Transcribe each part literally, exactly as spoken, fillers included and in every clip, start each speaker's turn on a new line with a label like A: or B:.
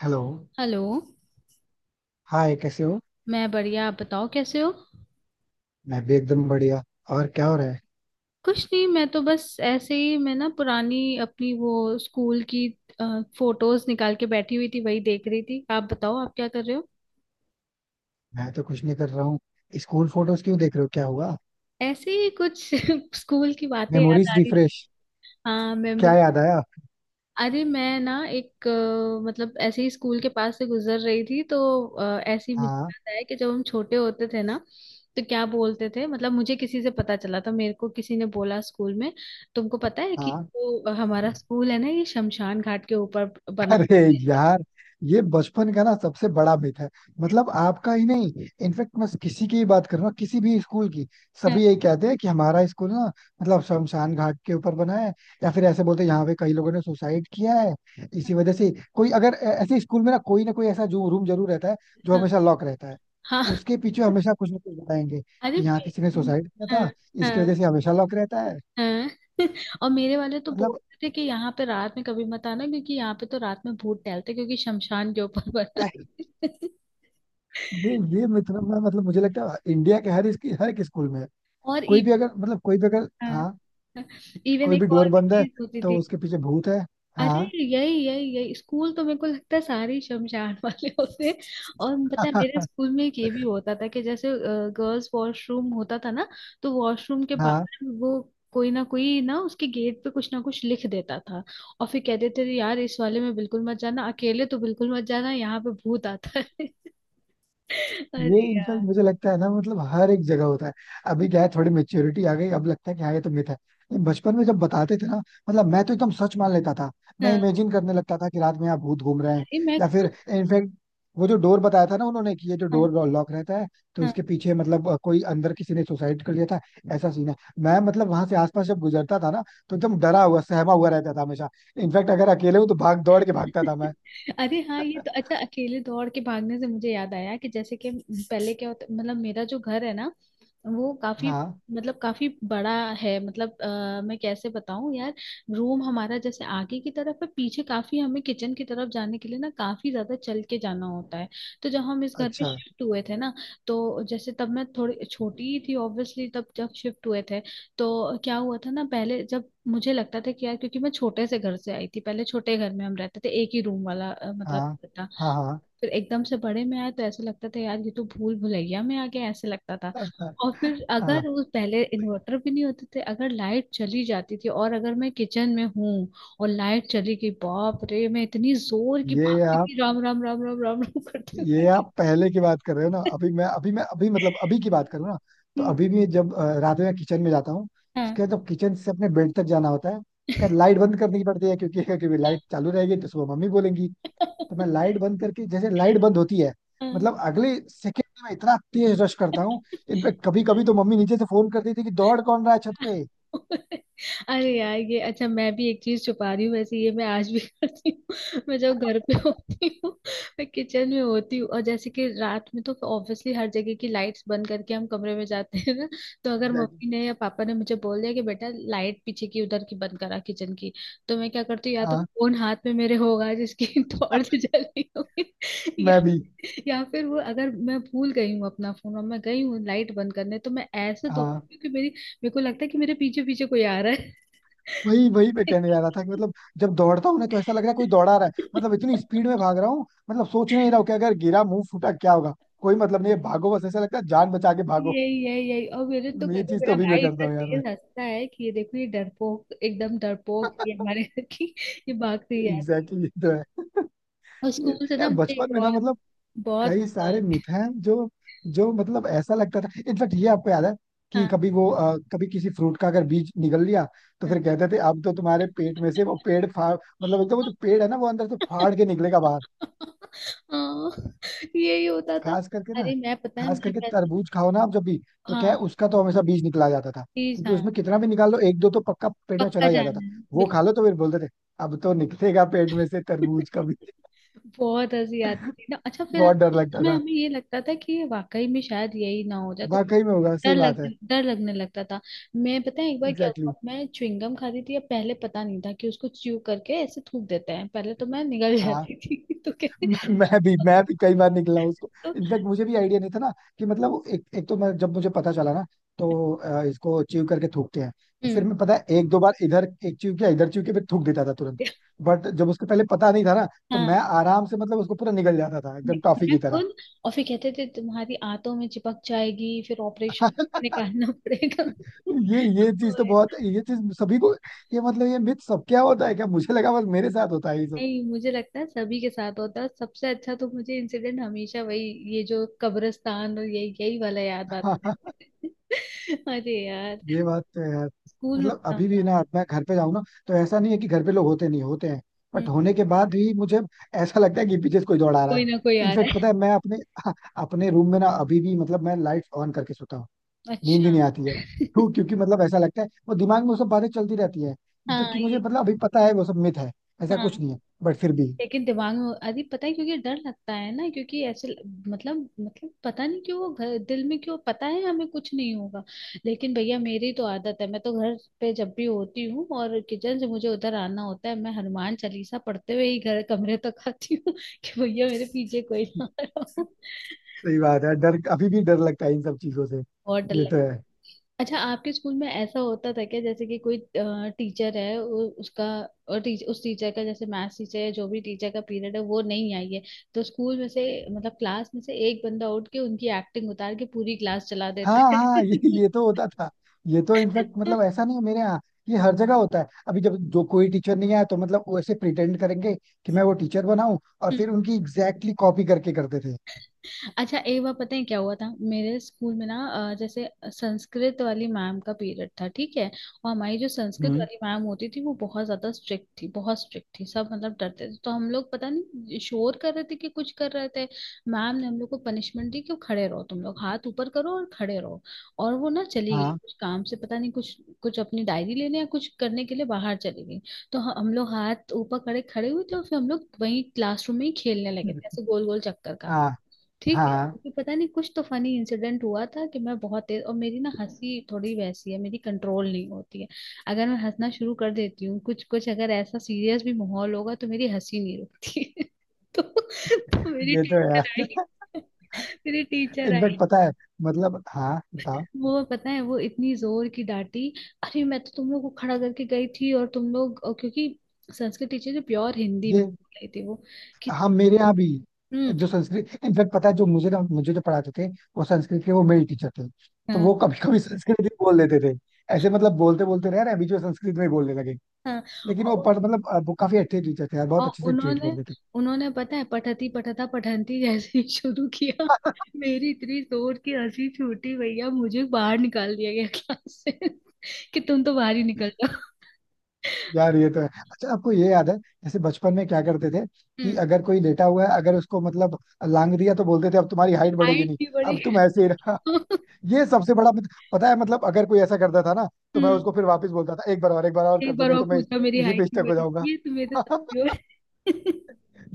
A: Hello.
B: Hello.
A: Hi, कैसे हो?
B: मैं बढ़िया, आप बताओ कैसे हो?
A: मैं भी एकदम बढ़िया। और क्या हो रहा है?
B: कुछ नहीं, मैं तो बस ऐसे ही, मैं ना पुरानी अपनी वो स्कूल की फोटोज निकाल के बैठी हुई थी, वही देख रही थी। आप बताओ आप क्या कर रहे हो?
A: मैं तो कुछ नहीं कर रहा हूँ। स्कूल फोटोज क्यों देख रहे हो, क्या हुआ?
B: ऐसे ही कुछ स्कूल की बातें याद
A: मेमोरीज
B: आ रही।
A: रिफ्रेश।
B: हाँ।
A: क्या याद आया?
B: अरे मैं ना एक अ, मतलब ऐसे ही स्कूल के पास से गुजर रही थी तो अ, ऐसे ही मुझे
A: हाँ
B: याद आया कि जब हम छोटे होते थे ना, तो क्या बोलते थे। मतलब मुझे किसी से पता चला था, मेरे को किसी ने बोला स्कूल में, तुमको पता है कि
A: हाँ।
B: जो हमारा स्कूल है ना, ये शमशान घाट के ऊपर बना
A: अरे
B: हुआ
A: यार, ये बचपन का ना सबसे बड़ा मिथ है। मतलब आपका ही नहीं, इनफेक्ट मैं किसी की ही बात कर रहा हूँ, किसी भी स्कूल की।
B: है।
A: सभी यही कहते हैं कि हमारा स्कूल ना मतलब शमशान घाट के ऊपर बना है। या फिर ऐसे बोलते हैं यहाँ पे कई लोगों ने सुसाइड किया है, इसी वजह से। कोई अगर ऐ- ऐसे स्कूल में ना कोई ना कोई ऐसा जो रूम जरूर रहता है जो
B: हाँ
A: हमेशा लॉक रहता है,
B: हाँ हाँ।
A: उसके पीछे हमेशा कुछ ना कुछ बताएंगे
B: अरे
A: कि यहाँ किसी ने
B: मे-
A: सुसाइड किया
B: हाँ
A: था, इसकी
B: हाँ
A: वजह से हमेशा लॉक रहता है।
B: हाँ। और मेरे वाले तो
A: मतलब
B: बोलते थे कि यहाँ पे रात में कभी मत आना, क्योंकि यहाँ पे तो रात में भूत टहलते हैं, क्योंकि शमशान के ऊपर बना है।
A: ये ये मिथ ना मतलब मुझे लगता है इंडिया के हर इसकी हर एक स्कूल में है।
B: और
A: कोई भी अगर मतलब कोई भी अगर,
B: इवन
A: हाँ, कोई भी
B: एक और
A: डोर
B: भी
A: बंद है
B: चीज होती
A: तो
B: थी।
A: उसके पीछे भूत है।
B: अरे
A: हाँ।
B: यही यही यही स्कूल तो मेरे को लगता है सारे ही शमशान वाले होते हैं। और पता है मेरे स्कूल में एक ये भी होता था कि जैसे गर्ल्स वॉशरूम होता था ना, तो वॉशरूम के
A: हाँ।
B: बाहर वो कोई ना कोई ना उसके गेट पे कुछ ना कुछ लिख देता था। और फिर कहते थे यार इस वाले में बिल्कुल मत जाना, अकेले तो बिल्कुल मत जाना, यहाँ पे भूत आता है।
A: ये
B: अरे
A: इनफैक्ट
B: यार।
A: मुझे लगता है ना मतलब हर एक जगह होता है। अभी क्या है, थोड़ी मेच्योरिटी आ गई, अब लगता है कि हाँ ये तो मिथ है। लेकिन बचपन में जब बताते थे ना, मतलब मैं तो एकदम सच मान लेता था। मैं
B: हाँ
A: इमेजिन करने लगता था कि रात में यहाँ भूत घूम रहे हैं।
B: ये मैं
A: या
B: खुद।
A: फिर इनफैक्ट वो जो डोर बताया था ना उन्होंने कि ये जो
B: हाँ
A: डोर लॉक रहता है, तो
B: हाँ।
A: इसके पीछे मतलब अ, कोई अंदर किसी ने सुसाइड कर लिया था, ऐसा सीन है। मैं मतलब वहां से आसपास जब गुजरता था ना, तो एकदम डरा हुआ सहमा हुआ रहता था हमेशा। इनफैक्ट अगर अकेले हूँ तो भाग दौड़ के भागता था मैं।
B: अरे हाँ ये तो अच्छा, अकेले दौड़ के भागने से मुझे याद आया कि जैसे कि पहले क्या होता, मतलब मेरा जो घर है ना, वो काफी,
A: हाँ।
B: मतलब काफी बड़ा है। मतलब अ, मैं कैसे बताऊं यार, रूम हमारा जैसे आगे की तरफ है, पीछे काफी, हमें किचन की तरफ जाने के लिए ना काफी ज्यादा चल के जाना होता है। तो जब हम इस घर पे
A: अच्छा।
B: शिफ्ट हुए थे ना, तो जैसे तब मैं थोड़ी छोटी ही थी, ऑब्वियसली तब जब शिफ्ट हुए थे, तो क्या हुआ था ना, पहले जब मुझे लगता था कि यार, क्योंकि मैं छोटे से घर से आई थी, पहले छोटे घर में हम रहते थे, एक ही रूम वाला अ, मतलब
A: हाँ
B: था।
A: हाँ हाँ
B: फिर एकदम से बड़े में आए तो ऐसा लगता था यार ये तो भूल भुलैया में आ गया, ऐसे लगता था।
A: हाँ
B: और फिर
A: हाँ।
B: अगर उस पहले इन्वर्टर भी नहीं होते थे, अगर लाइट चली जाती थी और अगर मैं किचन में हूँ और लाइट चली गई, बाप रे मैं इतनी जोर की
A: ये
B: भागती
A: आप
B: थी राम राम राम राम राम राम करते
A: ये आप पहले की बात कर रहे हो ना?
B: हुए।
A: अभी मैं, अभी मैं, अभी मतलब अभी की बात करूँ ना, तो अभी भी जब अ, रात में किचन में जाता हूँ,
B: हाँ।
A: उसके जब किचन से अपने बेड तक जाना होता है, उसका लाइट बंद करनी पड़ती है। क्योंकि क्योंकि लाइट चालू रहेगी तो सुबह मम्मी बोलेंगी। तो मैं लाइट बंद करके, जैसे लाइट बंद होती है,
B: हाँ
A: मतलब अगले सेकंड में इतना तेज रश करता हूँ। इनफैक्ट कभी कभी तो मम्मी नीचे से फोन करती थी कि दौड़ कौन रहा है छत पे।
B: अरे यार ये अच्छा, मैं भी एक चीज छुपा रही हूँ वैसे, ये मैं आज भी करती हूँ। मैं जब घर पे होती हूँ, मैं किचन में होती हूँ और जैसे कि रात में तो ऑब्वियसली हर जगह की लाइट्स बंद करके हम कमरे में जाते हैं ना, तो अगर
A: Exactly.
B: मम्मी ने या पापा ने मुझे बोल दिया कि बेटा लाइट पीछे की, उधर की बंद करा, किचन की, तो मैं क्या करती हूँ, या तो
A: हाँ।
B: फोन हाथ में मेरे होगा जिसकी टॉर्च जल रही होगी,
A: मैं
B: या
A: भी।
B: या फिर वो अगर मैं भूल गई हूँ अपना फोन और मैं गई हूँ लाइट बंद करने, तो मैं ऐसे
A: हाँ।
B: दौड़ती हूँ कि मेरी, मेरे को लगता है कि मेरे पीछे पीछे कोई आ रहा है।
A: वही वही मैं कहने जा रहा था कि मतलब जब दौड़ता हूँ ना तो ऐसा लग रहा है कोई दौड़ा रहा है। मतलब इतनी स्पीड में भाग रहा हूँ, मतलब सोच नहीं रहा हूँ कि अगर गिरा, मुंह फूटा, क्या होगा। कोई मतलब नहीं है, भागो बस, ऐसा लगता है जान बचा के भागो।
B: यही यही यही। और मेरे तो
A: ये
B: घर में
A: चीज तो
B: मेरा
A: अभी मैं
B: भाई
A: करता
B: इतना
A: हूँ यार, मैं।
B: तेज हंसता है कि ये देखो ये डरपोक, एकदम डरपोक, ये हमारे घर की ये भागती है।
A: एग्जैक्टली, ये तो है।
B: और
A: ये-
B: स्कूल से ना
A: यार
B: मुझे
A: बचपन
B: एक
A: में ना
B: और
A: मतलब
B: बहुत
A: कई
B: होता
A: सारे
B: है।
A: मिथ हैं जो, जो मतलब ऐसा लगता था। इनफैक्ट ये आपको याद है कि
B: हाँ
A: कभी वो अ, कभी किसी फ्रूट का अगर बीज निगल लिया तो
B: हाँ।
A: फिर कहते थे अब तो तुम्हारे पेट में से वो पेड़ फाड़। मतलब एकदम वो जो पेड़ है ना, वो अंदर से फाड़ के निकलेगा बाहर।
B: हाँ, यही होता था।
A: खास करके ना,
B: अरे मैं पता है,
A: खास
B: मैं
A: करके
B: पैसे।
A: तरबूज खाओ ना आप जब भी, तो क्या है
B: हाँ
A: उसका तो हमेशा बीज निकला जाता था,
B: प्लीज,
A: क्योंकि
B: हाँ
A: उसमें कितना भी निकाल लो एक दो तो पक्का पेट में चला
B: पक्का
A: ही जाता था।
B: जाना है,
A: वो खा लो तो फिर बोलते थे अब तो निकलेगा पेट में से तरबूज का
B: बिल्कुल।
A: भी।
B: बहुत हंसी आती थी ना। अच्छा फिर हम
A: बहुत डर
B: उस
A: लगता
B: समय,
A: था,
B: हमें ये लगता था कि ये वाकई में शायद यही ना हो जाए, तो
A: वाकई में होगा,
B: डर
A: सही
B: लग
A: बात है।
B: डर लगने लगता था। मैं पता है एक बार क्या
A: एग्जैक्टली
B: हुआ,
A: exactly.
B: मैं च्युइंगम खाती थी या पहले पता नहीं था कि उसको च्यू करके ऐसे थूक देते हैं, पहले तो मैं निगल
A: हाँ।
B: जाती थी। तो कहते
A: मैं मैं भी मैं भी कई बार निकला हूं उसको।
B: तो,
A: इनफैक्ट मुझे भी आइडिया नहीं था ना कि मतलब एक एक तो, मैं जब मुझे पता चला ना, तो अ, इसको च्यू करके थूकते हैं। तो फिर
B: हम्म,
A: मैं पता है एक दो बार इधर एक च्यू किया, इधर च्यू के, फिर थूक देता था तुरंत। बट जब उसको पहले पता नहीं था ना, तो मैं
B: हाँ,
A: आराम से मतलब उसको पूरा निगल जाता था एकदम टॉफी
B: मैं
A: की तरह।
B: खुद। और फिर कहते थे तुम्हारी आंतों में चिपक जाएगी, फिर ऑपरेशन निकालना पड़ेगा।
A: ये ये चीज तो बहुत, ये चीज सभी को, ये मतलब ये मिथ सबके यहाँ होता है क्या? मुझे लगा बस मेरे साथ होता है ये
B: नहीं मुझे लगता है सभी के साथ होता है। सबसे अच्छा तो मुझे इंसिडेंट हमेशा वही, ये जो कब्रिस्तान और यही यही वाला याद आता
A: सब।
B: है। अरे यार।
A: ये बात तो है यार।
B: स्कूल में
A: मतलब
B: पता
A: अभी
B: होगा।
A: भी ना मैं घर पे जाऊँ ना, तो ऐसा नहीं है कि घर पे लोग होते नहीं, होते हैं,
B: हम्म,
A: बट होने के बाद भी मुझे ऐसा लगता है कि पीछे से कोई दौड़ा रहा है।
B: कोई ना कोई आ
A: इनफेक्ट
B: रहा है।
A: पता है मैं अपने, अपने रूम में ना अभी भी मतलब मैं लाइट ऑन करके सोता हूँ। नींद
B: अच्छा।
A: ही नहीं आती है। क्यों? क्योंकि मतलब ऐसा लगता है वो दिमाग में वो सब बातें चलती रहती है।
B: हाँ
A: जबकि मुझे
B: ये,
A: मतलब अभी पता है वो सब मिथ है, ऐसा
B: हाँ
A: कुछ नहीं है, बट फिर भी।
B: लेकिन दिमाग में, अरे पता है क्योंकि डर लगता है ना, क्योंकि ऐसे, मतलब मतलब पता नहीं क्यों वो घर दिल में क्यों, पता है हमें कुछ नहीं होगा, लेकिन भैया मेरी तो आदत है, मैं तो घर पे जब भी होती हूँ और किचन से मुझे उधर आना होता है, मैं हनुमान चालीसा पढ़ते हुए ही घर, कमरे तक आती हूँ, कि भैया मेरे पीछे कोई ना आ रहा हो।
A: सही बात है, डर अभी भी डर लगता है इन सब चीजों से।
B: बहुत डर।
A: ये तो है।
B: अच्छा आपके स्कूल में ऐसा होता था क्या, जैसे कि कोई टीचर है वो उसका, और टीच, उस टीचर का जैसे मैथ्स टीचर या जो भी टीचर का पीरियड है वो नहीं आई है, तो स्कूल में से, मतलब क्लास में से एक बंदा उठ के उनकी एक्टिंग उतार के पूरी क्लास चला देता
A: हाँ
B: है।
A: हाँ। ये ये तो होता था। ये तो इनफैक्ट मतलब ऐसा नहीं है मेरे यहाँ, ये हर जगह होता है। अभी जब जो कोई टीचर नहीं आया तो मतलब वो ऐसे प्रिटेंड करेंगे कि मैं वो टीचर बनाऊं, और फिर
B: हम्म।
A: उनकी एग्जैक्टली कॉपी करके करते थे।
B: अच्छा एक बार पता है क्या हुआ था मेरे स्कूल में ना, अ, जैसे संस्कृत वाली मैम का पीरियड था, ठीक है, और हमारी जो संस्कृत
A: हम्म।
B: वाली मैम होती थी वो बहुत ज्यादा स्ट्रिक्ट थी, बहुत स्ट्रिक्ट थी, सब मतलब डरते थे। तो हम लोग पता नहीं शोर कर रहे थे कि कुछ कर रहे थे, मैम ने हम लोग को पनिशमेंट दी कि खड़े रहो, तुम लोग हाथ ऊपर करो और खड़े रहो, और वो ना चली गई
A: हाँ
B: कुछ काम से, पता नहीं कुछ, कुछ अपनी डायरी लेने या कुछ करने के लिए बाहर चली गई। तो ह- हम लोग हाथ ऊपर खड़े खड़े हुए थे और फिर हम लोग वहीं क्लासरूम में ही खेलने लगे थे ऐसे गोल गोल चक्कर का।
A: हाँ
B: ठीक है,
A: हाँ,
B: क्योंकि पता नहीं कुछ तो फनी इंसिडेंट हुआ था कि मैं बहुत तेज, और मेरी ना हंसी थोड़ी वैसी है, मेरी कंट्रोल नहीं होती है। अगर मैं हंसना शुरू कर देती हूँ, कुछ कुछ अगर ऐसा सीरियस भी माहौल होगा तो मेरी हंसी नहीं रुकती है। तो, तो मेरी
A: ये तो है।
B: टीचर आई। मेरी टीचर आई,
A: इनफैक्ट पता है, मतलब, हाँ बताओ।
B: वो पता है वो इतनी जोर की डांटी, अरे मैं तो तुम लोग को खड़ा करके गई थी और तुम लोग, और क्योंकि संस्कृत टीचर जो प्योर हिंदी में
A: ये
B: बोल रही थी, वो कि,
A: हम मेरे यहाँ भी,
B: हम्म,
A: जो संस्कृत इनफैक्ट पता है, जो मुझे ना, मुझे जो पढ़ाते थे, वो संस्कृत के वो मेल टीचर थे। तो
B: हाँ
A: वो कभी कभी संस्कृत भी बोल देते थे। ऐसे मतलब बोलते बोलते रह रहे अभी जो संस्कृत में ही बोलने लगे।
B: हाँ।
A: लेकिन वो पर मतलब अ, वो काफी अच्छे टीचर थे यार, बहुत
B: और
A: अच्छे से ट्रीट
B: उन्होंने,
A: करते थे।
B: उन्होंने पता है पठती पठता पठंती जैसे ही शुरू किया, मेरी इतनी जोर की हंसी छूटी भैया, मुझे बाहर निकाल दिया गया क्लास से। कि तुम तो बाहर ही निकल जाओ।
A: यार ये तो है। अच्छा आपको ये याद है जैसे बचपन में क्या करते थे कि
B: हम्म।
A: अगर कोई लेटा हुआ है, अगर उसको मतलब लांग दिया तो बोलते थे अब तुम्हारी हाइट बढ़ेगी
B: हाइट
A: नहीं,
B: नहीं
A: अब
B: बढ़ी।
A: तुम ऐसे ही रहा। ये सबसे बड़ा मत- पता है मतलब अगर कोई ऐसा करता था ना, तो मैं
B: हम्म।
A: उसको फिर वापस बोलता था एक बार और एक बार और कर
B: एक
A: दो
B: बार
A: नहीं
B: और
A: तो मैं इस-
B: पूछा मेरी
A: इसी
B: हाइट
A: पे
B: नहीं
A: स्टक हो
B: बढ़ी,
A: जाऊंगा।
B: ये तुम्हें तो साथी हो।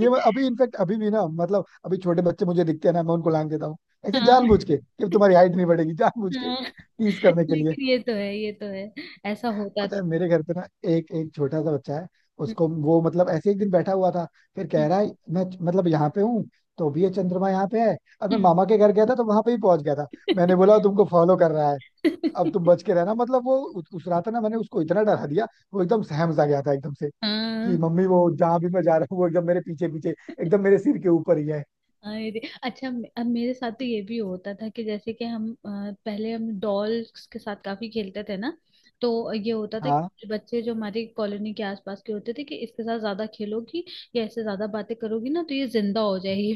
A: ये मैं अभी इनफेक्ट अभी भी ना, मतलब अभी छोटे बच्चे मुझे दिखते हैं ना, मैं उनको लांग देता हूँ ऐसे
B: हाँ।
A: जानबूझ के कि अब तुम्हारी हाइट नहीं बढ़ेगी, जानबूझ के
B: हाँ
A: टीज करने के लिए।
B: लेकिन ये तो है, ये तो है, ऐसा होता
A: पता है
B: था।
A: मेरे घर पे ना एक एक छोटा सा बच्चा है,
B: हम्म,
A: उसको वो मतलब ऐसे एक दिन बैठा हुआ था, फिर कह
B: हम्म,
A: रहा है मैं मतलब यहाँ पे हूँ तो भी ये चंद्रमा यहाँ पे है, और मैं
B: हम्म।
A: मामा के घर गया था तो वहां पे ही पहुंच गया था। मैंने बोला तुमको फॉलो कर रहा है, अब तुम बच के रहना। मतलब वो उ- उस रात ना मैंने उसको इतना डरा दिया, वो एकदम सहम सा गया था एकदम से कि
B: हाँ।
A: मम्मी वो जहाँ भी मैं जा रहा हूँ वो एकदम मेरे पीछे पीछे, एकदम मेरे सिर के ऊपर ही है।
B: अरे अच्छा मे-, अब मेरे साथ तो ये भी होता था कि जैसे कि हम अ, पहले हम डॉल्स के साथ काफी खेलते थे ना, तो ये होता था
A: हाँ।
B: कि बच्चे जो हमारी कॉलोनी के आसपास के होते थे कि इसके साथ ज्यादा खेलोगी या इससे ज्यादा बातें करोगी ना तो ये जिंदा हो जाएगी।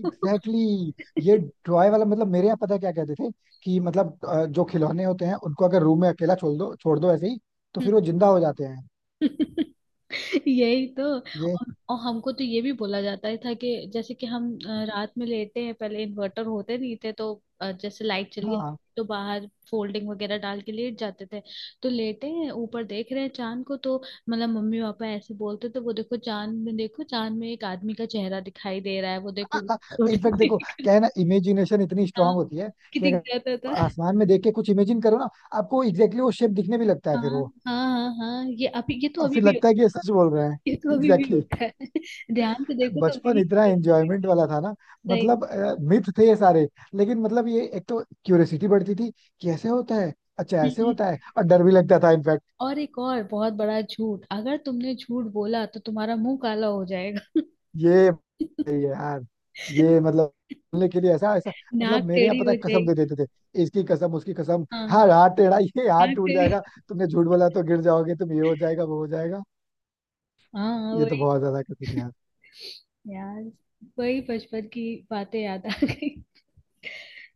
A: Exactly exactly. ये टॉय वाला मतलब मेरे यहाँ पता है क्या कहते थे कि मतलब अ, जो खिलौने होते हैं उनको अगर रूम में अकेला छोड़ दो छोड़ दो ऐसे ही, तो फिर वो जिंदा हो जाते हैं।
B: तो यही तो,
A: ये
B: और, और हमको तो ये भी बोला जाता ही था कि जैसे कि हम अ, रात में लेते हैं, पहले इन्वर्टर होते नहीं थे तो अ, जैसे लाइट चली जाती,
A: हाँ।
B: तो बाहर फोल्डिंग वगैरह डाल के लेट जाते थे, तो लेटे हैं ऊपर देख रहे हैं चांद को, तो मतलब मम्मी पापा ऐसे बोलते तो, वो देखो चांद में, देखो चांद में एक आदमी का चेहरा दिखाई दे रहा है, वो देखो उठ
A: इनफैक्ट
B: के
A: देखो क्या
B: देख
A: है ना, इमेजिनेशन इतनी
B: रहा है।
A: स्ट्रांग
B: हाँ,
A: होती है
B: कि
A: कि
B: दिख
A: अगर
B: जाता था।
A: आसमान में देख के कुछ इमेजिन करो ना, आपको एग्जैक्टली exactly वो शेप दिखने भी लगता है
B: हाँ
A: फिर वो।
B: हाँ हाँ हाँ ये अभी, ये तो
A: और
B: अभी
A: फिर
B: भी,
A: लगता है कि ये सच बोल रहे हैं।
B: ये तो अभी भी
A: एग्जैक्टली।
B: होता है। ध्यान से देखो तो
A: बचपन
B: वही।
A: इतना एंजॉयमेंट वाला था ना।
B: सही।
A: मतलब मिथ थे ये सारे, लेकिन मतलब ये एक तो क्यूरियोसिटी बढ़ती थी कि ऐसे होता है, अच्छा
B: हम्म,
A: ऐसे
B: हम्म।
A: होता है, और डर भी लगता था इनफैक्ट।
B: और एक और बहुत बड़ा झूठ, अगर तुमने झूठ बोला तो तुम्हारा मुंह काला हो जाएगा।
A: ये ये यार, ये मतलब बोलने के लिए ऐसा ऐसा, मतलब
B: नाक
A: मेरे यहाँ
B: टेढ़ी
A: पता
B: हो
A: है कसम दे
B: जाएगी।
A: देते थे, इसकी कसम उसकी कसम,
B: हाँ
A: हाँ हाथ टेढ़ा, ये हाथ
B: नाक
A: टूट
B: टेढ़ी।
A: जाएगा, तुमने झूठ बोला तो गिर जाओगे तुम, ये हो जाएगा वो हो जाएगा।
B: हाँ
A: ये तो
B: वही।
A: बहुत ज्यादा करते थे यार।
B: यार वही बचपन की बातें याद आ गई,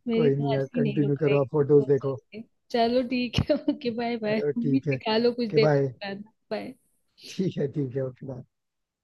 B: मेरी
A: कोई नहीं
B: तो
A: यार,
B: हंसी नहीं
A: कंटिन्यू
B: रुक रही
A: करो आप, फोटोज
B: सोच
A: देखो।
B: सोच के। चलो ठीक है, ओके बाय बाय,
A: चलो
B: तुम भी
A: ठीक है,
B: सिखा लो कुछ
A: के
B: देर
A: बाय।
B: बाद। बाय।
A: ठीक है ठीक है, ओके बाय।